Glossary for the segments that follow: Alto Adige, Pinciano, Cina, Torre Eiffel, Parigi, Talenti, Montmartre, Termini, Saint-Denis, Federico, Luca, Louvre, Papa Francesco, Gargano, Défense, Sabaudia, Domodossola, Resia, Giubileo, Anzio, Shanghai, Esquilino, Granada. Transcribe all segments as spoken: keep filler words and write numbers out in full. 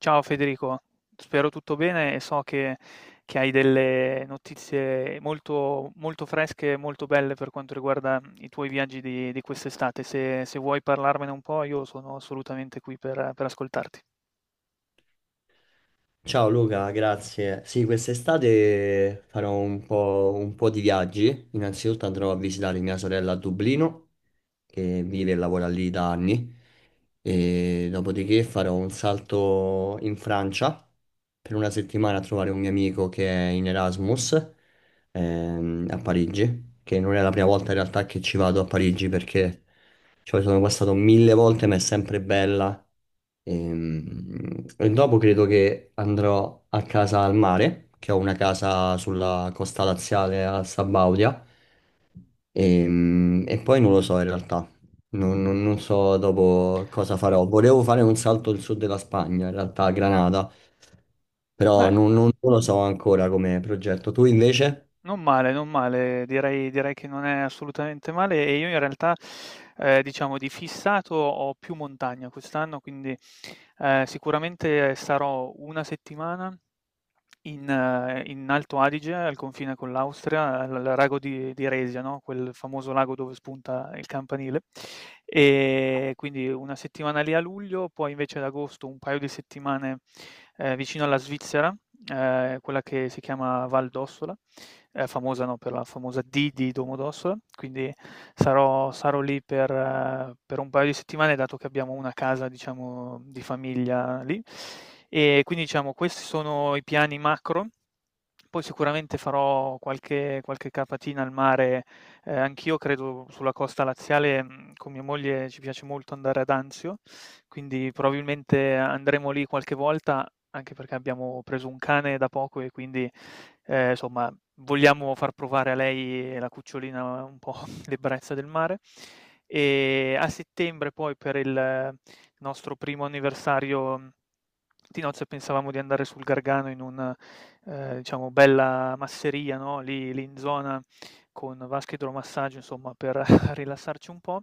Ciao Federico, spero tutto bene e so che, che hai delle notizie molto, molto fresche e molto belle per quanto riguarda i tuoi viaggi di, di quest'estate. Se, se vuoi parlarmene un po', io sono assolutamente qui per, per ascoltarti. Ciao Luca, grazie. Sì, quest'estate farò un po', un po' di viaggi. Innanzitutto andrò a visitare mia sorella a Dublino, che vive e lavora lì da anni. E dopodiché farò un salto in Francia per una settimana a trovare un mio amico che è in Erasmus, ehm, a Parigi, che non è la prima volta in realtà che ci vado a Parigi, perché ci sono passato mille volte, ma è sempre bella. Ehm, E, dopo credo che andrò a casa al mare, che ho una casa sulla costa laziale a Sabaudia. Ehm, E, poi non lo so in realtà, non, non- non so dopo cosa farò. Volevo fare un salto al sud della Spagna, in realtà a Granada, però Beh, non, non- non lo so ancora come progetto. Tu invece? non male, non male, direi, direi che non è assolutamente male e io in realtà, eh, diciamo, di fissato ho più montagna quest'anno, quindi eh, sicuramente sarò una settimana In ehm, in Alto Adige, al confine con l'Austria, al al lago di di Resia, no, quel famoso lago dove spunta il campanile. Ehm, quindi una settimana lì a luglio, poi invece ad agosto un paio di settimane, ehm, vicino alla Svizzera, ehm, quella che si chiama Val d'Ossola, è famosa, no, per la famosa D di Domodossola, quindi sarò sarò lì per eh, per un paio di settimane, dato che abbiamo una casa, diciamo, di famiglia lì. E quindi, diciamo, questi sono i piani macro. Poi sicuramente farò qualche qualche capatina al mare, ehm, anch'io credo sulla costa laziale, mhmm, con mia moglie ci piace molto andare ad Anzio, quindi probabilmente andremo lì qualche volta, anche perché abbiamo preso un cane da poco e quindi, ehm, somma vogliamo far provare a lei e la cucciolina un po' l'ebbrezza del mare. E a settembre poi per il nostro primo anniversario mm, di nozze pensavamo di andare sul Gargano in un Ehm, diciamo bella masseria, no, lì lì in zona con vasca idromassaggio insomma per rilassarci un po'.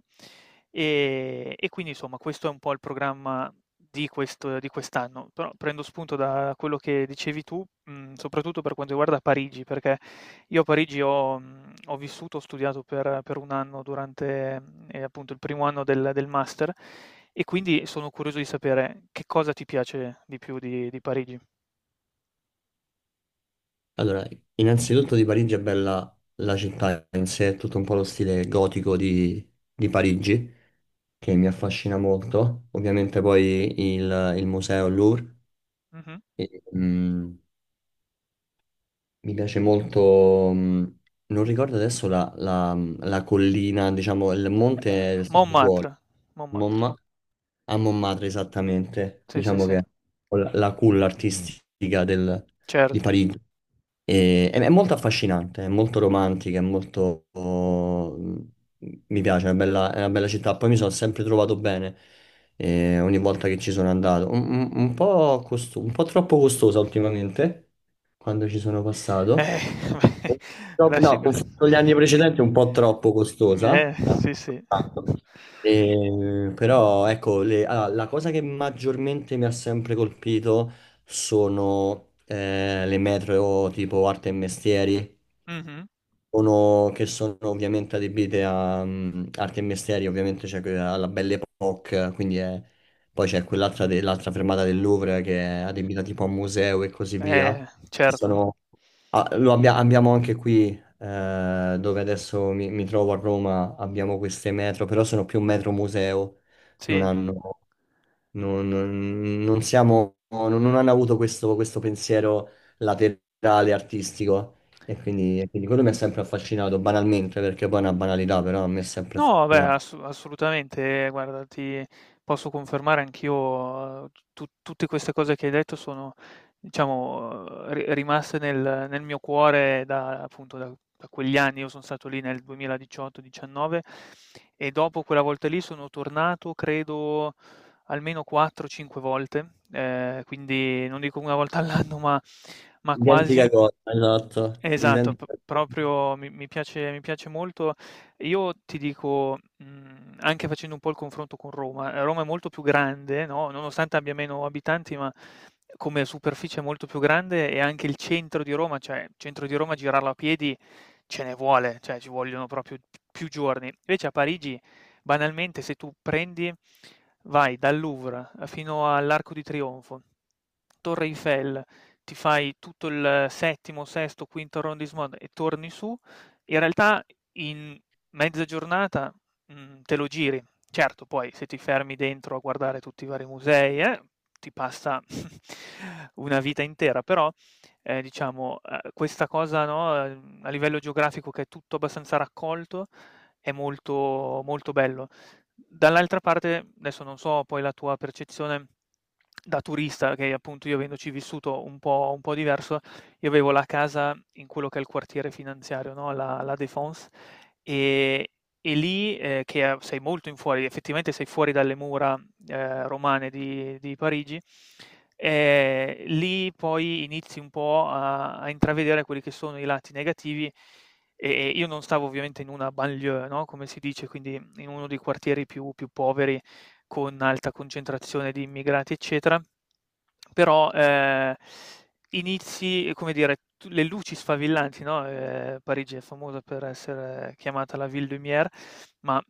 Ehm, e quindi insomma questo è un po' il programma di questo di quest'anno. Però prendo spunto da quello che dicevi tu, mhmm, soprattutto per quanto riguarda Parigi, perché io a Parigi ho mhmm, ho vissuto, ho studiato per per un anno durante, mhmm, ehm, appunto il primo anno del del master e quindi sono curioso di sapere che cosa ti piace di più di di Parigi. Allora, innanzitutto di Parigi è bella la città in sé, è tutto un po' lo stile gotico di, di Parigi, che mi affascina molto. Ovviamente poi il, il museo Louvre. Mh-mh. E, mm, mi piace molto, mm, non ricordo adesso la, la- la collina, diciamo, il monte Uhm, del Santo Cuore, Montmartre, Montmartre. Momma- a Montmartre esattamente, Sì, sì, diciamo sì, che è la la culla artistica del- di certo. Parigi. E- è, è molto affascinante, è molto romantica, è molto. Oh, mi piace, è una bella, è una bella città. Poi mi sono sempre trovato bene, eh, ogni volta che ci sono andato. Un, un- un po' costo- un po' troppo costosa ultimamente, quando ci sono passato. Eh, No, beh, lasci no, che confronto agli anni precedenti è un po' troppo costosa. eh, sì, sì. Ah, Eh, però ecco, le- allora, la cosa che maggiormente mi ha sempre colpito sono, eh, le metro tipo arte e mestieri, Mh-mh. sono- che sono ovviamente adibite a, mm, arte e mestieri. Ovviamente c'è quella- alla Belle Époque, quindi è- poi c'è quell'altra, de- l'altra fermata del Louvre che è adibita tipo a museo e così Eh, via. certo. Ah, lo abbia- abbiamo anche qui, eh, dove adesso mi, mi trovo a Roma, abbiamo queste metro, però sono più metro museo, non Mm. Sì. hanno, non, non- non siamo, non, non hanno avuto questo, questo, pensiero laterale artistico, e quindi, e quindi quello mi ha sempre affascinato, banalmente, perché poi è una banalità, però a me è sempre No, beh, affascinato. ass assolutamente, eh, guarda, ti posso confermare anch'io, uhm, tu tutte queste cose che hai detto sono, diciamo, eh, ri rimaste nel nel mio cuore da appunto, da da quegli anni. Io son stato lì nel duemiladiciotto, diciannove e dopo quella volta lì sono tornato credo almeno quattro, cinque volte, ehm, quindi non dico una volta all'anno, ma ma quasi. Identica cosa, esatto, Esatto, p identica cosa. proprio mi mi piace mi piace molto. Io ti dico, mhmm, anche facendo un po' il confronto con Roma, ehm, Roma è molto più grande, no, nonostante abbia meno abitanti, ma come superficie è molto più grande e anche il centro di Roma, cioè il centro di Roma girarlo a piedi ce ne vuole, cioè ci vogliono proprio più giorni. Invece a Parigi, banalmente, se tu prendi vai dal Louvre fino all'Arco di Trionfo, Torre Eiffel, ti fai tutto il settimo, sesto, quinto arrondissement e torni su, in realtà in mezza giornata, mhmm, te lo giri. Certo, poi se ti fermi dentro a guardare tutti i vari musei, eh, ti passa una vita intera, però, ehm, diciamo, uhm, questa cosa, no, ehm, a livello geografico che è tutto abbastanza raccolto, è molto molto bello. Dall'altra parte, adesso non so poi la tua percezione da turista, che appunto io avendoci vissuto un po' un po' diverso, io avevo la casa in quello che è il quartiere finanziario, no, la la Défense, ehm, e lì, ehm, che a sei molto in fuori, effettivamente sei fuori dalle mura, ehm, romane di di Parigi, ehm, lì poi inizi un po' a a intravedere quelli che sono i lati negativi e io non stavo ovviamente in una banlieue, no, come si dice, quindi in uno dei quartieri più più poveri con alta concentrazione di immigrati, eccetera. Però, ehm, inizi, come dire, tu le luci sfavillanti, no, ehm, Parigi è famosa per essere chiamata la ville lumière, ma,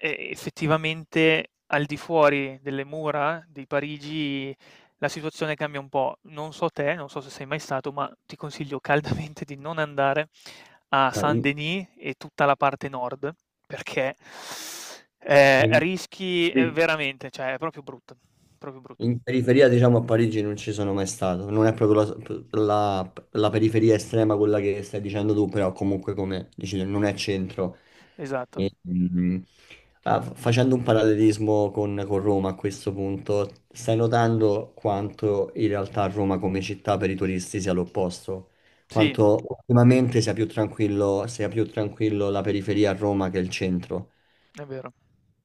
ehm, effettivamente al di fuori delle mura di Parigi la situazione cambia un po'. Non so te, non so se sei mai stato, ma ti consiglio caldamente di non andare a Ah, in- Saint-Denis e tutta la parte nord, perché, ehm, hai- rischi, ehm, veramente, cioè è proprio brutto, proprio brutto. in periferia, diciamo, a Parigi non ci sono mai stato. Non è proprio la, la- la periferia estrema quella che stai dicendo tu, però comunque, come dici tu, non è centro. Esatto. Mm. Ah, fa- facendo un parallelismo con, con Roma a questo punto, stai notando quanto in realtà Roma come città per i turisti sia l'opposto? Sì, Quanto ultimamente sia più tranquillo, sia più tranquillo la periferia a Roma che il centro, è vero.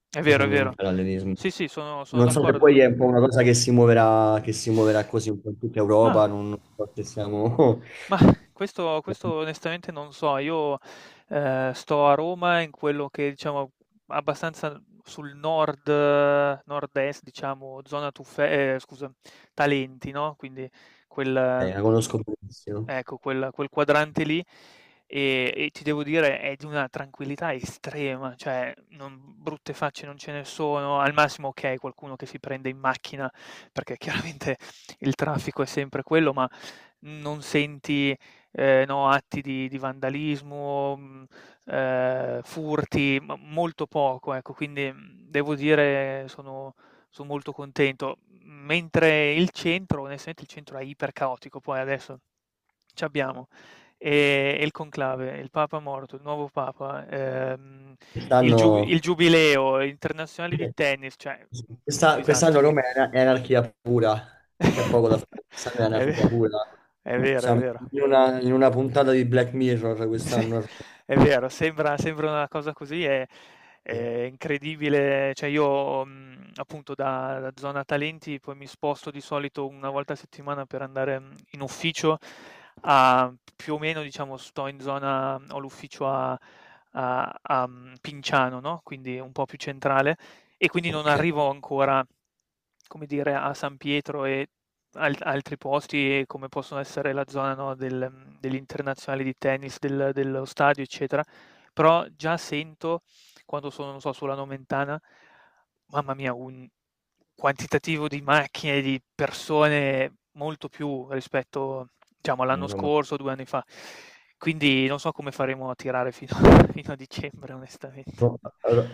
È vero, è facendo un vero. parallelismo. Sì, sì, sono sono Non so se d'accordo. poi è un po' una cosa che si muoverà, che si muoverà così un po' in tutta Ma Europa, non so se siamo. Mah, questo questo onestamente non so. Io, ehm, sto a Roma in quello che diciamo abbastanza sul nord eh, nord-est diciamo, zona Tuffe ehm, scusa, Talenti, no, quindi quel Eh, la mhmm, conosco benissimo. ecco quel quel quadrante lì e e ti devo dire è di una tranquillità estrema, cioè non brutte facce non ce ne sono, al massimo okay, qualcuno che si prende in macchina, perché chiaramente il traffico è sempre quello, ma non senti, ehm, no, atti di di vandalismo, mhmm, ehm, furti, ma molto poco, ecco. Quindi, mhmm, devo dire sono son molto contento. Mentre il centro, onestamente il centro è ipercaotico, poi adesso c'abbiamo, ehm, e e il conclave, il papa morto, il nuovo papa, ehm, il giu Quest'anno il giubileo, internazionali di tennis, cioè, mhmm, un questa- quest'anno disastro. Roma è, ana- è anarchia pura, c'è poco da fare, quest'anno è È ve anarchia pura. è vero, è Siamo vero. in una, in una puntata di Black Mirror Sì, quest'anno. è vero, sembra sembra una cosa così, è è incredibile. Cioè io, mhmm, appunto da da zona talenti poi mi sposto di solito una volta a settimana per andare, mhmm, in ufficio a più o meno diciamo sto in zona ho l'ufficio a a a, mhmm, Pinciano, no, quindi un po' più centrale e quindi non Ok. arrivo ancora, come dire, a San Pietro e al- altri posti e come possono essere la zona, no, del, mhmm, degli internazionali di tennis, del dello stadio, eccetera. Però già sento quando sono, non so, sulla Nomentana, mamma mia, un quantitativo di macchine, di persone molto più rispetto, diciamo, eh, all'anno Roma scorso, due anni fa. Quindi non so come faremo a tirare fino fino a dicembre onestamente. Ro-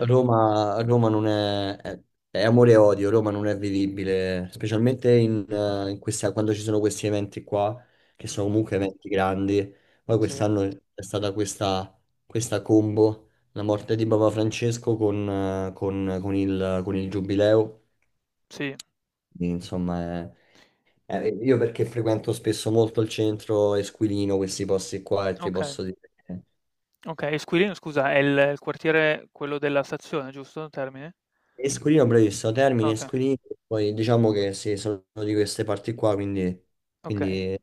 Roma, Roma non è, è- è amore e odio, Roma non è vivibile, specialmente in, eh, in questa- quando ci sono questi eventi qua, che sono Mh-mh, comunque eventi grandi. Poi sì. quest'anno è stata questa, questa combo, la morte di Papa Francesco con, eh, con- con il, con il Giubileo. Sì, Quindi, insomma, è- è- io, perché frequento spesso molto il centro Esquilino, questi posti qua, e ti okay, posso dire. okay. E Squirino scusa è il il quartiere quello della stazione, giusto? Termini? Esquilino, bravissimo, Termini, Okay, Esquilino, poi diciamo che sì, sono di queste parti qua, quindi, okay. quindi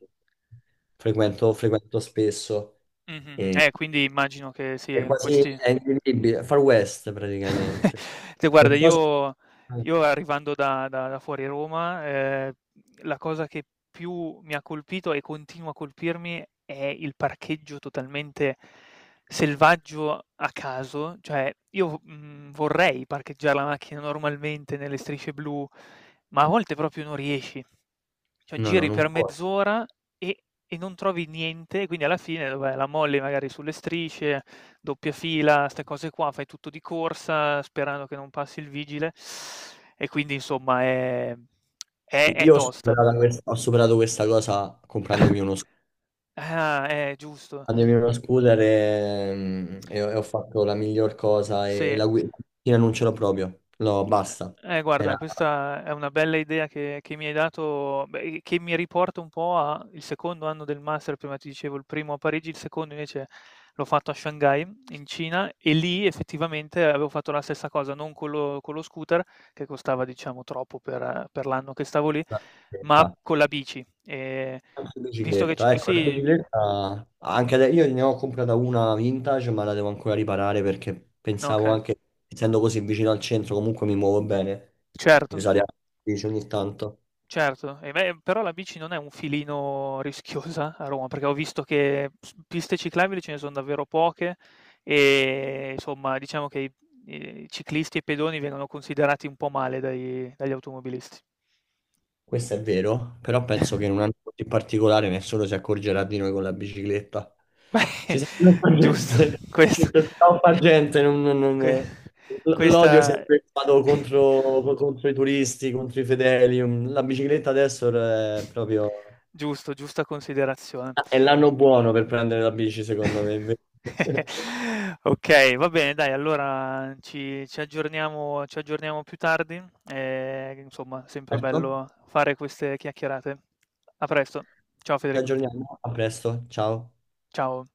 Eh, frequento, frequento spesso. mh-mh-mh. E, Eh, quindi immagino che sì, è in quasi questi è invivibile, Far West praticamente. te Non guarda so se. io io arrivando da da da fuori Roma, ehm, la cosa che più mi ha colpito e continua a colpirmi è il parcheggio totalmente selvaggio a caso, cioè io v mhmm, vorrei parcheggiare la macchina normalmente nelle strisce blu, ma a volte proprio non riesci. Cioè No, no, giri non per può. mezz'ora e e non trovi niente, e quindi alla fine dov'è, la molli magari sulle strisce, doppia fila, 'ste cose qua, fai tutto di corsa sperando che non passi il vigile e quindi insomma è è è Io ho tosta. superato questa, ho superato questa cosa comprandomi uno scooter. Ah, eh, giusto. Prendermi uno scooter e, mm, e ho e ho fatto la miglior cosa, e, e Sì. la guida non ce l'ho proprio. No, basta. Eh, eh, guarda, Era... questa è una bella idea che che mi hai dato, beh, che mi riporta un po' a il secondo anno del master, prima ti dicevo il primo a Parigi, il secondo invece l'ho fatto a Shanghai, in Cina, e lì effettivamente avevo fatto la stessa cosa, non con lo, con lo scooter, che costava diciamo troppo per, eh, per l'anno che stavo lì, ma la con la bici. E Anche visto che... ci- bicicletta, ecco, la sì, bicicletta. Anche adesso io ne ho comprata una vintage, ma la devo ancora riparare, perché pensavo ok, anche, essendo così vicino al centro, comunque mi muovo bene, di certo. usare anche la bici ogni tanto. Certo, e beh, però la bici non è un filino rischiosa a Roma? Perché ho visto che s piste ciclabili ce ne son davvero poche e insomma diciamo che i i ciclisti e i pedoni vengono considerati un po' male dai dagli automobilisti. Questo è vero, però penso che in un anno così particolare nessuno si accorgerà di noi con la bicicletta. Beh, Ci sarà troppa giusto, gente, questo ci sarà troppa gente, non- non- que non- l- questa l'odio è sempre stato contro, contro i turisti, contro i fedeli, um, la bicicletta adesso è proprio. Giusto, giusta considerazione. È l'anno buono per prendere la bici, secondo me, invece. Okay, va bene dai, allora ci ci aggiorniamo ci aggiorniamo più tardi, ehm, insomma sempre Certo, bello fare queste chiacchierate. A presto. Ciao ci Federico. aggiorniamo, a presto, ciao. Ciao.